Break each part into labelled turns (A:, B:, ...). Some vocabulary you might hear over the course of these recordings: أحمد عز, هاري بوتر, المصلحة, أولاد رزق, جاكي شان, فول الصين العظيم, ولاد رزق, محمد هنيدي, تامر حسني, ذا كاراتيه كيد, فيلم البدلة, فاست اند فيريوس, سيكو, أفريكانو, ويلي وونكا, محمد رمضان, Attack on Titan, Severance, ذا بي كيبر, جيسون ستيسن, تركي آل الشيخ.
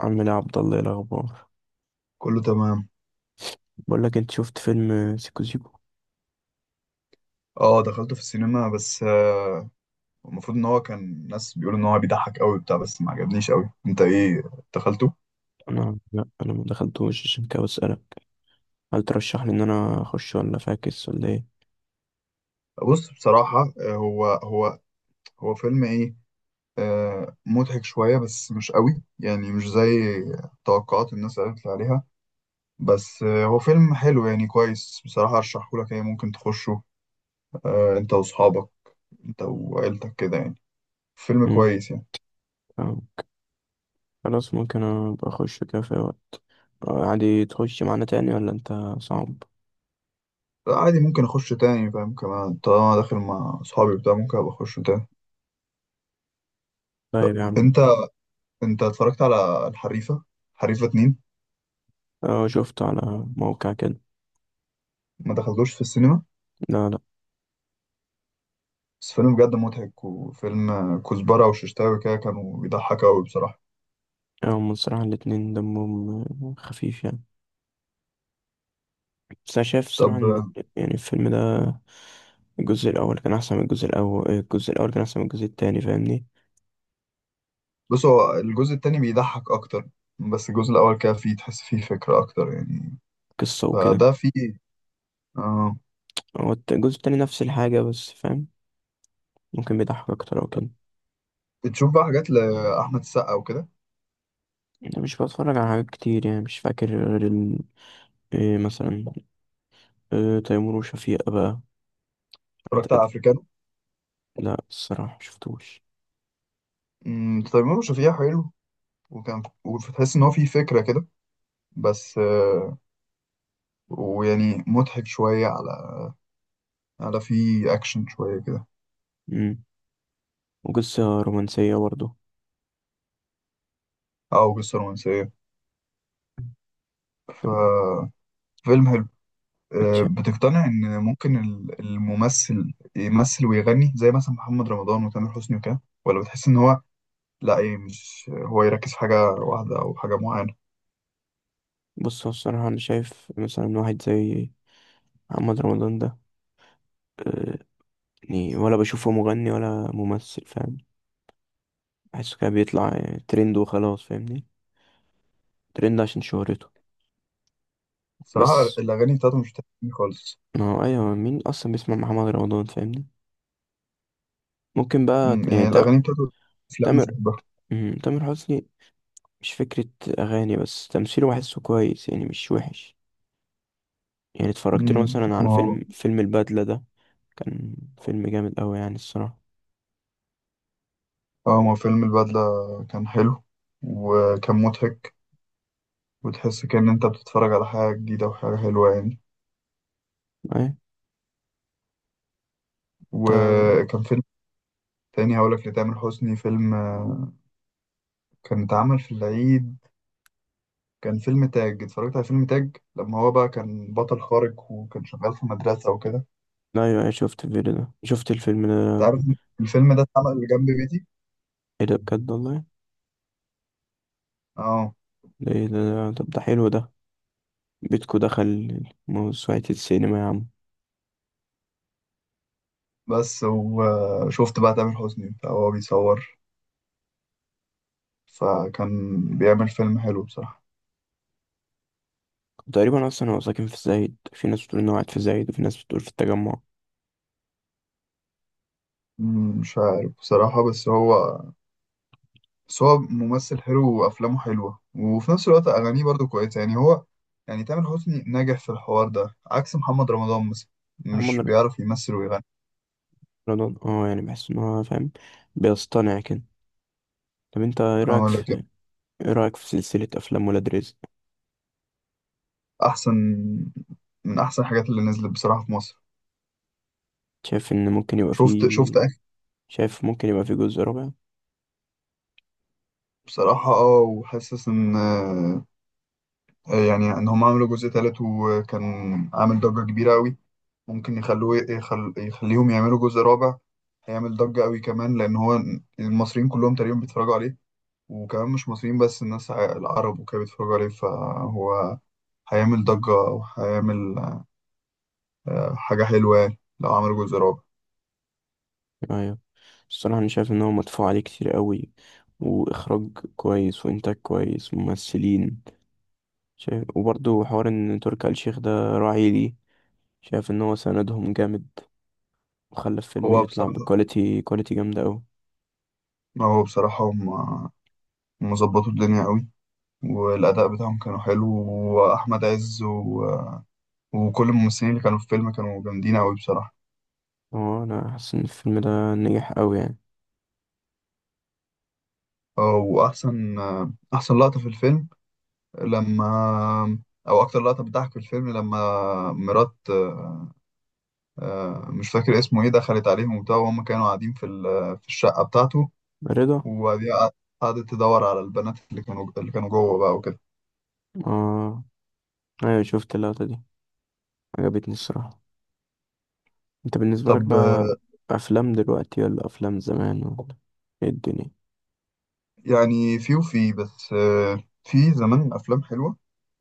A: عمنا عبد الله، إيه الاخبار؟
B: كله تمام.
A: بقول لك، انت شفت فيلم سيكو سيكو؟
B: اه، دخلته في السينما بس المفروض ان هو كان ناس بيقولوا ان هو بيضحك قوي بتاع، بس ما عجبنيش قوي. انت ايه، دخلته؟
A: انا، لا، انا ما دخلتوش عشان كده بسالك. هل ترشح لي ان انا اخش ولا فاكس ولا ايه؟
B: بص، بصراحة هو هو فيلم ايه، مضحك شوية بس مش قوي، يعني مش زي توقعات الناس قالت لي عليها. بس هو فيلم حلو يعني كويس، بصراحة ارشحه لك، يعني ممكن تخشه. انت واصحابك، انت وعيلتك كده يعني، فيلم
A: امم
B: كويس يعني.
A: فاهم. خلاص، ممكن ابقى اخش كده في أي وقت. عادي تخش معانا تاني، ولا انت صعب؟
B: عادي، ممكن اخش تاني، فاهم، كمان طالما داخل مع اصحابي بتاع ممكن ابقى اخش تاني.
A: طيب
B: طب
A: يا عم.
B: انت، انت اتفرجت على الحريفة، حريفة اتنين؟
A: اه، شفته على موقع كده.
B: ما دخلتوش في السينما،
A: لا، لا.
B: بس فيلم بجد مضحك، وفيلم كزبرة وششتاوي كده كانوا بيضحك أوي بصراحة.
A: هم الصراحة الاتنين دمهم خفيف يعني. بس أنا شايف الصراحة إن،
B: طب
A: يعني، الفيلم ده الجزء الأول كان أحسن من الجزء الأول، الجزء الأول كان أحسن من الجزء التاني، فاهمني؟
B: بص، هو الجزء التاني بيضحك أكتر، بس الجزء الأول كده فيه تحس فيه فكرة أكتر يعني،
A: قصة وكده.
B: فده فيه آه.
A: هو الجزء التاني نفس الحاجة بس، فاهم؟ ممكن بيضحك أكتر أو كده.
B: بتشوف بقى حاجات لأحمد السقا وكده،
A: أنا مش بتفرج على حاجات كتير يعني، مش فاكر غير إيه مثلا؟ إيه، تيمور وشفيقة بقى؟ حاجات
B: اتفرجت على
A: قديمة.
B: أفريكانو؟
A: لا، الصراحة مشفتوش.
B: تيمور وشفيقة حلو، وكان وتحس إن هو فيه فكرة كده، بس ويعني مضحك شوية على، على فيه أكشن شوية كده،
A: مم. وقصة رومانسية برضه.
B: أو قصة رومانسية. ففيلم حلو.
A: اتش-
B: بتقتنع إن ممكن الممثل يمثل ويغني زي مثلا محمد رمضان وتامر حسني وكده، ولا بتحس إن هو، لأ، إيه، مش هو يركز في حاجة واحدة أو حاجة معينة؟
A: بص، هو الصراحة أنا شايف مثلا واحد زي محمد رمضان ده. آه، يعني ولا بشوفه مغني ولا ممثل، فاهم؟ بحسه كده بيطلع ترند وخلاص، فاهمني؟ ترند عشان شهرته.
B: بصراحة
A: بس
B: الأغاني بتاعته مش بتعجبني خالص.
A: ما هو ايوه، مين اصلا بيسمع محمد رمضان، فاهمني؟ ممكن بقى يعني
B: يعني الأغاني بتاعته، أفلام مش
A: تامر.
B: بحبها.
A: تامر حسني. مش فكرة اغاني، بس تمثيله بحسه كويس يعني مش وحش. يعني اتفرجت له مثلا على
B: ما هو
A: فيلم البدلة ده. كان فيلم جامد قوي يعني الصراحة.
B: آه، ما هو فيلم البدلة كان حلو وكان مضحك، وتحس كأن أنت بتتفرج على حاجة جديدة وحاجة حلوة يعني.
A: ايه. تا...
B: وكان فيلم تاني هقولك، لتامر حسني فيلم كان اتعمل في العيد. كان فيلم تاج، اتفرجت على فيلم تاج لما هو بقى كان بطل خارق وكان شغال في مدرسة وكده.
A: ايوه، ايوه، شفت الفيديو ده شفت الفيلم
B: انت
A: ده.
B: عارف الفيلم ده اتعمل جنب بيتي.
A: ايه ده؟ بجد والله!
B: اه،
A: ده ايه ده؟ طب ده حلو ده. بيتكو دخل موسوعة السينما يا عم.
B: بس وشفت بقى تامر حسني بتاع وهو بيصور، فكان بيعمل فيلم حلو بصراحة.
A: تقريبا اصلا هو ساكن في الزايد، في ناس بتقول انه قاعد في الزايد وفي ناس بتقول في التجمع.
B: مش عارف بصراحة، بس هو، بس هو ممثل حلو وافلامه حلوه، وفي نفس الوقت اغانيه برضو كويسه، يعني هو، يعني تامر حسني ناجح في الحوار ده عكس محمد رمضان مثلا، مش
A: محمد
B: بيعرف يمثل ويغني.
A: رمضان، اه يعني بحس ان هو، فاهم، بيصطنع كده. طب انت
B: اه، لكن
A: ايه رأيك في سلسلة افلام ولاد رزق؟
B: احسن، من احسن الحاجات اللي نزلت بصراحه في مصر.
A: شايف ان ممكن يبقى
B: شفت
A: فيه.
B: شفت اخر.
A: شايف ممكن يبقى فيه جزء رابع؟
B: بصراحه اه، وحاسس ان يعني ان هم عملوا جزء تالت وكان عامل ضجه كبيره قوي، ممكن يخلوه يخليهم يعملوا جزء رابع. هيعمل ضجه قوي كمان لان هو المصريين كلهم تقريبا بيتفرجوا عليه، وكمان مش مصريين بس، الناس العرب وكده بيتفرجوا عليه، فهو هيعمل ضجة وهيعمل حاجة حلوة يعني لو عمل جزء رابع.
A: ايوه. الصراحة انا شايف ان هو مدفوع عليه كتير قوي، واخراج كويس وانتاج كويس، ممثلين شايف. وبرضه حوار ان تركي آل الشيخ ده راعي ليه. شايف ان هو سندهم جامد. وخلى الفيلم
B: هو
A: يطلع
B: بصراحة
A: بكواليتي كواليتي جامدة أوي.
B: هو بصراحة، هم مظبطوا الدنيا قوي، والأداء بتاعهم كانوا حلو، وأحمد عز و... وكل الممثلين اللي كانوا في الفيلم كانوا جامدين قوي بصراحة.
A: اه، أنا حاسس إن الفيلم ده نجح أوي يعني.
B: وأحسن أحسن لقطة في الفيلم لما، أو أكتر لقطة بتضحك في الفيلم لما مرات مش فاكر اسمه ايه دخلت عليهم وبتاع، وهم كانوا قاعدين في في الشقة بتاعته،
A: رضا.
B: وبعدين قعدت تدور على البنات اللي كانوا، اللي كانوا جوه بقى وكده.
A: اه، أيوة شفت اللقطة دي، عجبتني الصراحة. أنت بالنسبة لك
B: طب
A: بقى، أفلام دلوقتي ولا أفلام زمان، ولا إيه الدنيا؟
B: يعني في وفي، بس في زمان أفلام حلوة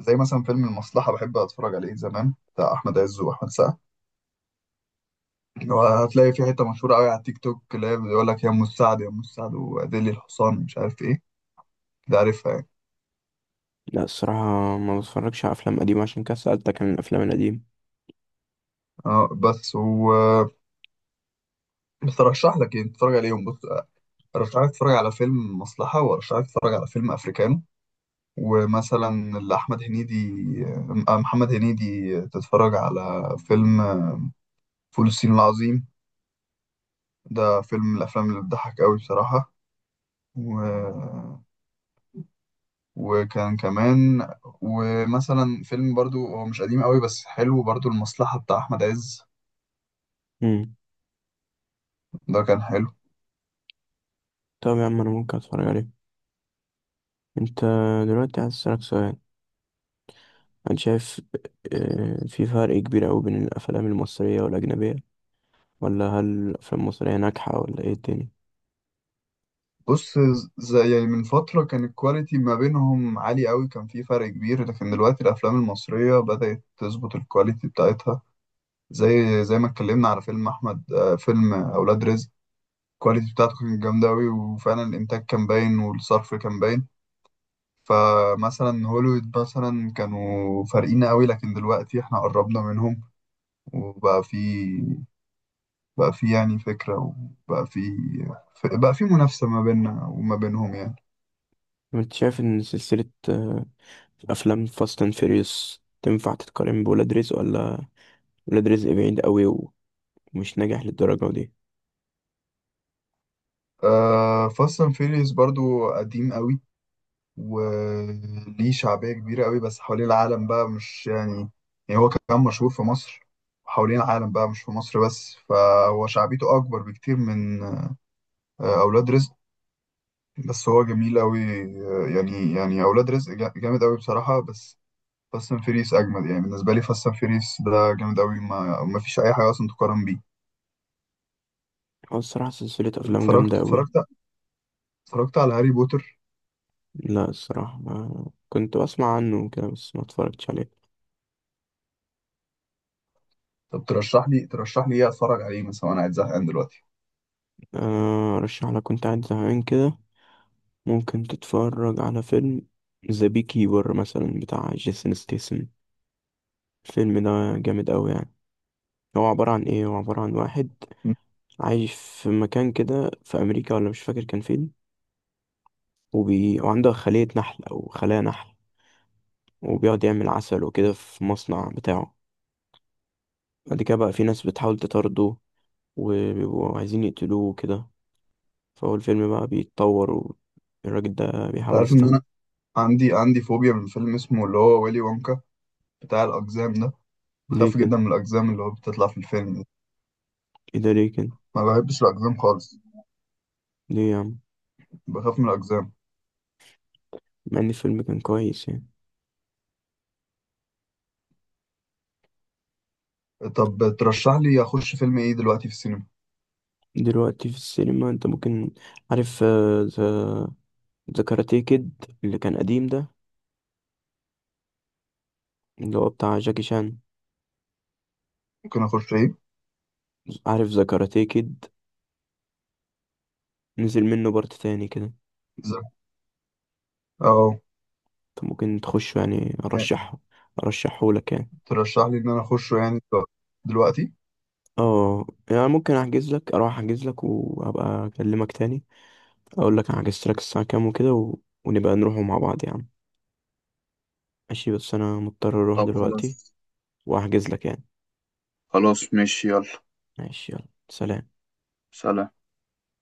B: زي مثلا فيلم المصلحة بحب أتفرج عليه زمان، بتاع أحمد عز وأحمد سعد. وهتلاقي في حتة مشهورة أوي على التيك توك اللي هي بيقول لك يا أم السعد يا أم السعد وأديلي الحصان مش عارف إيه، ده عارفها يعني.
A: لا، الصراحة ما بتفرجش على أفلام قديمة، عشان كده سألتك عن الأفلام القديمة.
B: اه، بس و، بس أرشح لك يعني تتفرج عليهم. بص، ارشحك تتفرج على فيلم مصلحة، وارشحك تتفرج على فيلم افريكانو، ومثلا لأحمد هنيدي محمد هنيدي، تتفرج على فيلم فول الصين العظيم، ده فيلم من الافلام اللي بتضحك قوي بصراحة. و... وكان كمان، ومثلا فيلم برضو هو مش قديم قوي بس حلو برضو، المصلحة بتاع احمد عز،
A: مم.
B: ده كان حلو.
A: طب يا عم، أنا ممكن أتفرج عليه. أنت دلوقتي عايز أسألك سؤال. أنا شايف في فرق كبير أوي بين الأفلام المصرية والأجنبية، ولا هل الأفلام المصرية ناجحة، ولا إيه الدنيا؟
B: بص، زي يعني من فترة كان الكواليتي ما بينهم عالي قوي، كان في فرق كبير، لكن دلوقتي الأفلام المصرية بدأت تظبط الكواليتي بتاعتها. زي ما اتكلمنا على فيلم احمد فيلم اولاد رزق، الكواليتي بتاعته كانت جامده قوي، وفعلا الانتاج كان باين والصرف كان باين. فمثلا هوليوود مثلا كانوا فارقين قوي، لكن دلوقتي احنا قربنا منهم، وبقى في يعني فكره، وبقى في منافسه ما بيننا وما بينهم يعني.
A: انت شايف ان سلسلة افلام فاست اند فيريوس تنفع تتقارن بولاد رزق، ولا ولاد رزق بعيد قوي ومش ناجح للدرجة دي؟
B: فاست اند فيريوس برضو قديم قوي، وليه شعبية كبيرة قوي، بس حوالين العالم بقى مش يعني، يعني هو كان مشهور في مصر، حوالين العالم بقى مش في مصر بس، فهو شعبيته أكبر بكتير من أولاد رزق. بس هو جميل قوي. يعني يعني أولاد رزق جامد قوي بصراحة، بس فاست اند فيريس أجمد، يعني بالنسبة لي فاست اند فيريس ده جامد قوي، ما فيش أي حاجة أصلا تقارن بيه.
A: هو الصراحة سلسلة افلام
B: اتفرجت
A: جامدة قوي.
B: اتفرجت اتفرجت على هاري بوتر.
A: لا، الصراحة ما كنت بسمع عنه كده، بس ما اتفرجتش عليه.
B: طب ترشح لي إيه أتفرج عليه مثلا وأنا قاعد زهقان دلوقتي؟
A: ارشح لك، كنت قاعد زهقان كده. ممكن تتفرج على فيلم ذا بي كيبر مثلا بتاع جيسون ستيسن. الفيلم ده جامد قوي يعني. هو عبارة عن ايه، هو عبارة عن واحد عايش في مكان كده في امريكا، ولا مش فاكر كان فين. وعنده خلية نحل أو خلايا نحل. وبيقعد يعمل عسل وكده في مصنع بتاعه. بعد كده بقى في ناس بتحاول تطارده. وبيبقوا عايزين يقتلوه وكده. فهو الفيلم بقى بيتطور. والراجل ده
B: أنت
A: بيحاول
B: عارف
A: يستهبل.
B: إن عندي فوبيا من فيلم اسمه اللي هو ويلي وونكا بتاع الأقزام ده. بخاف
A: ليه كده؟
B: جدا من الأقزام اللي هو بتطلع في الفيلم دي،
A: ايه ده، ليه كده؟
B: ما بحبش الأقزام خالص،
A: ليه يا عم؟
B: بخاف من الأقزام.
A: مع إن الفيلم كان كويس يعني.
B: طب ترشح لي أخش فيلم إيه دلوقتي في السينما؟
A: دلوقتي في السينما انت ممكن، عارف ذا كاراتيه كيد اللي كان قديم ده، اللي هو بتاع جاكي شان.
B: ممكن أخش إيه؟
A: عارف ذا كاراتيه كيد؟ نزل منه بارت تاني كده.
B: إزاي؟ أه.
A: طب ممكن تخش، يعني
B: يعني
A: ارشحه لك يعني.
B: ترشح لي إن أنا أخشه يعني دلوقتي؟
A: اه. يعني ممكن احجز لك اروح احجز لك وابقى اكلمك تاني. اقول لك انا حجزت لك الساعه كام وكده ونبقى نروحوا مع بعض يا عم. ماشي، بس انا مضطر اروح
B: طب
A: دلوقتي.
B: خلاص.
A: واحجز لك يعني.
B: خلاص ماشي، يلا.
A: ماشي، يلا، سلام.
B: سلام.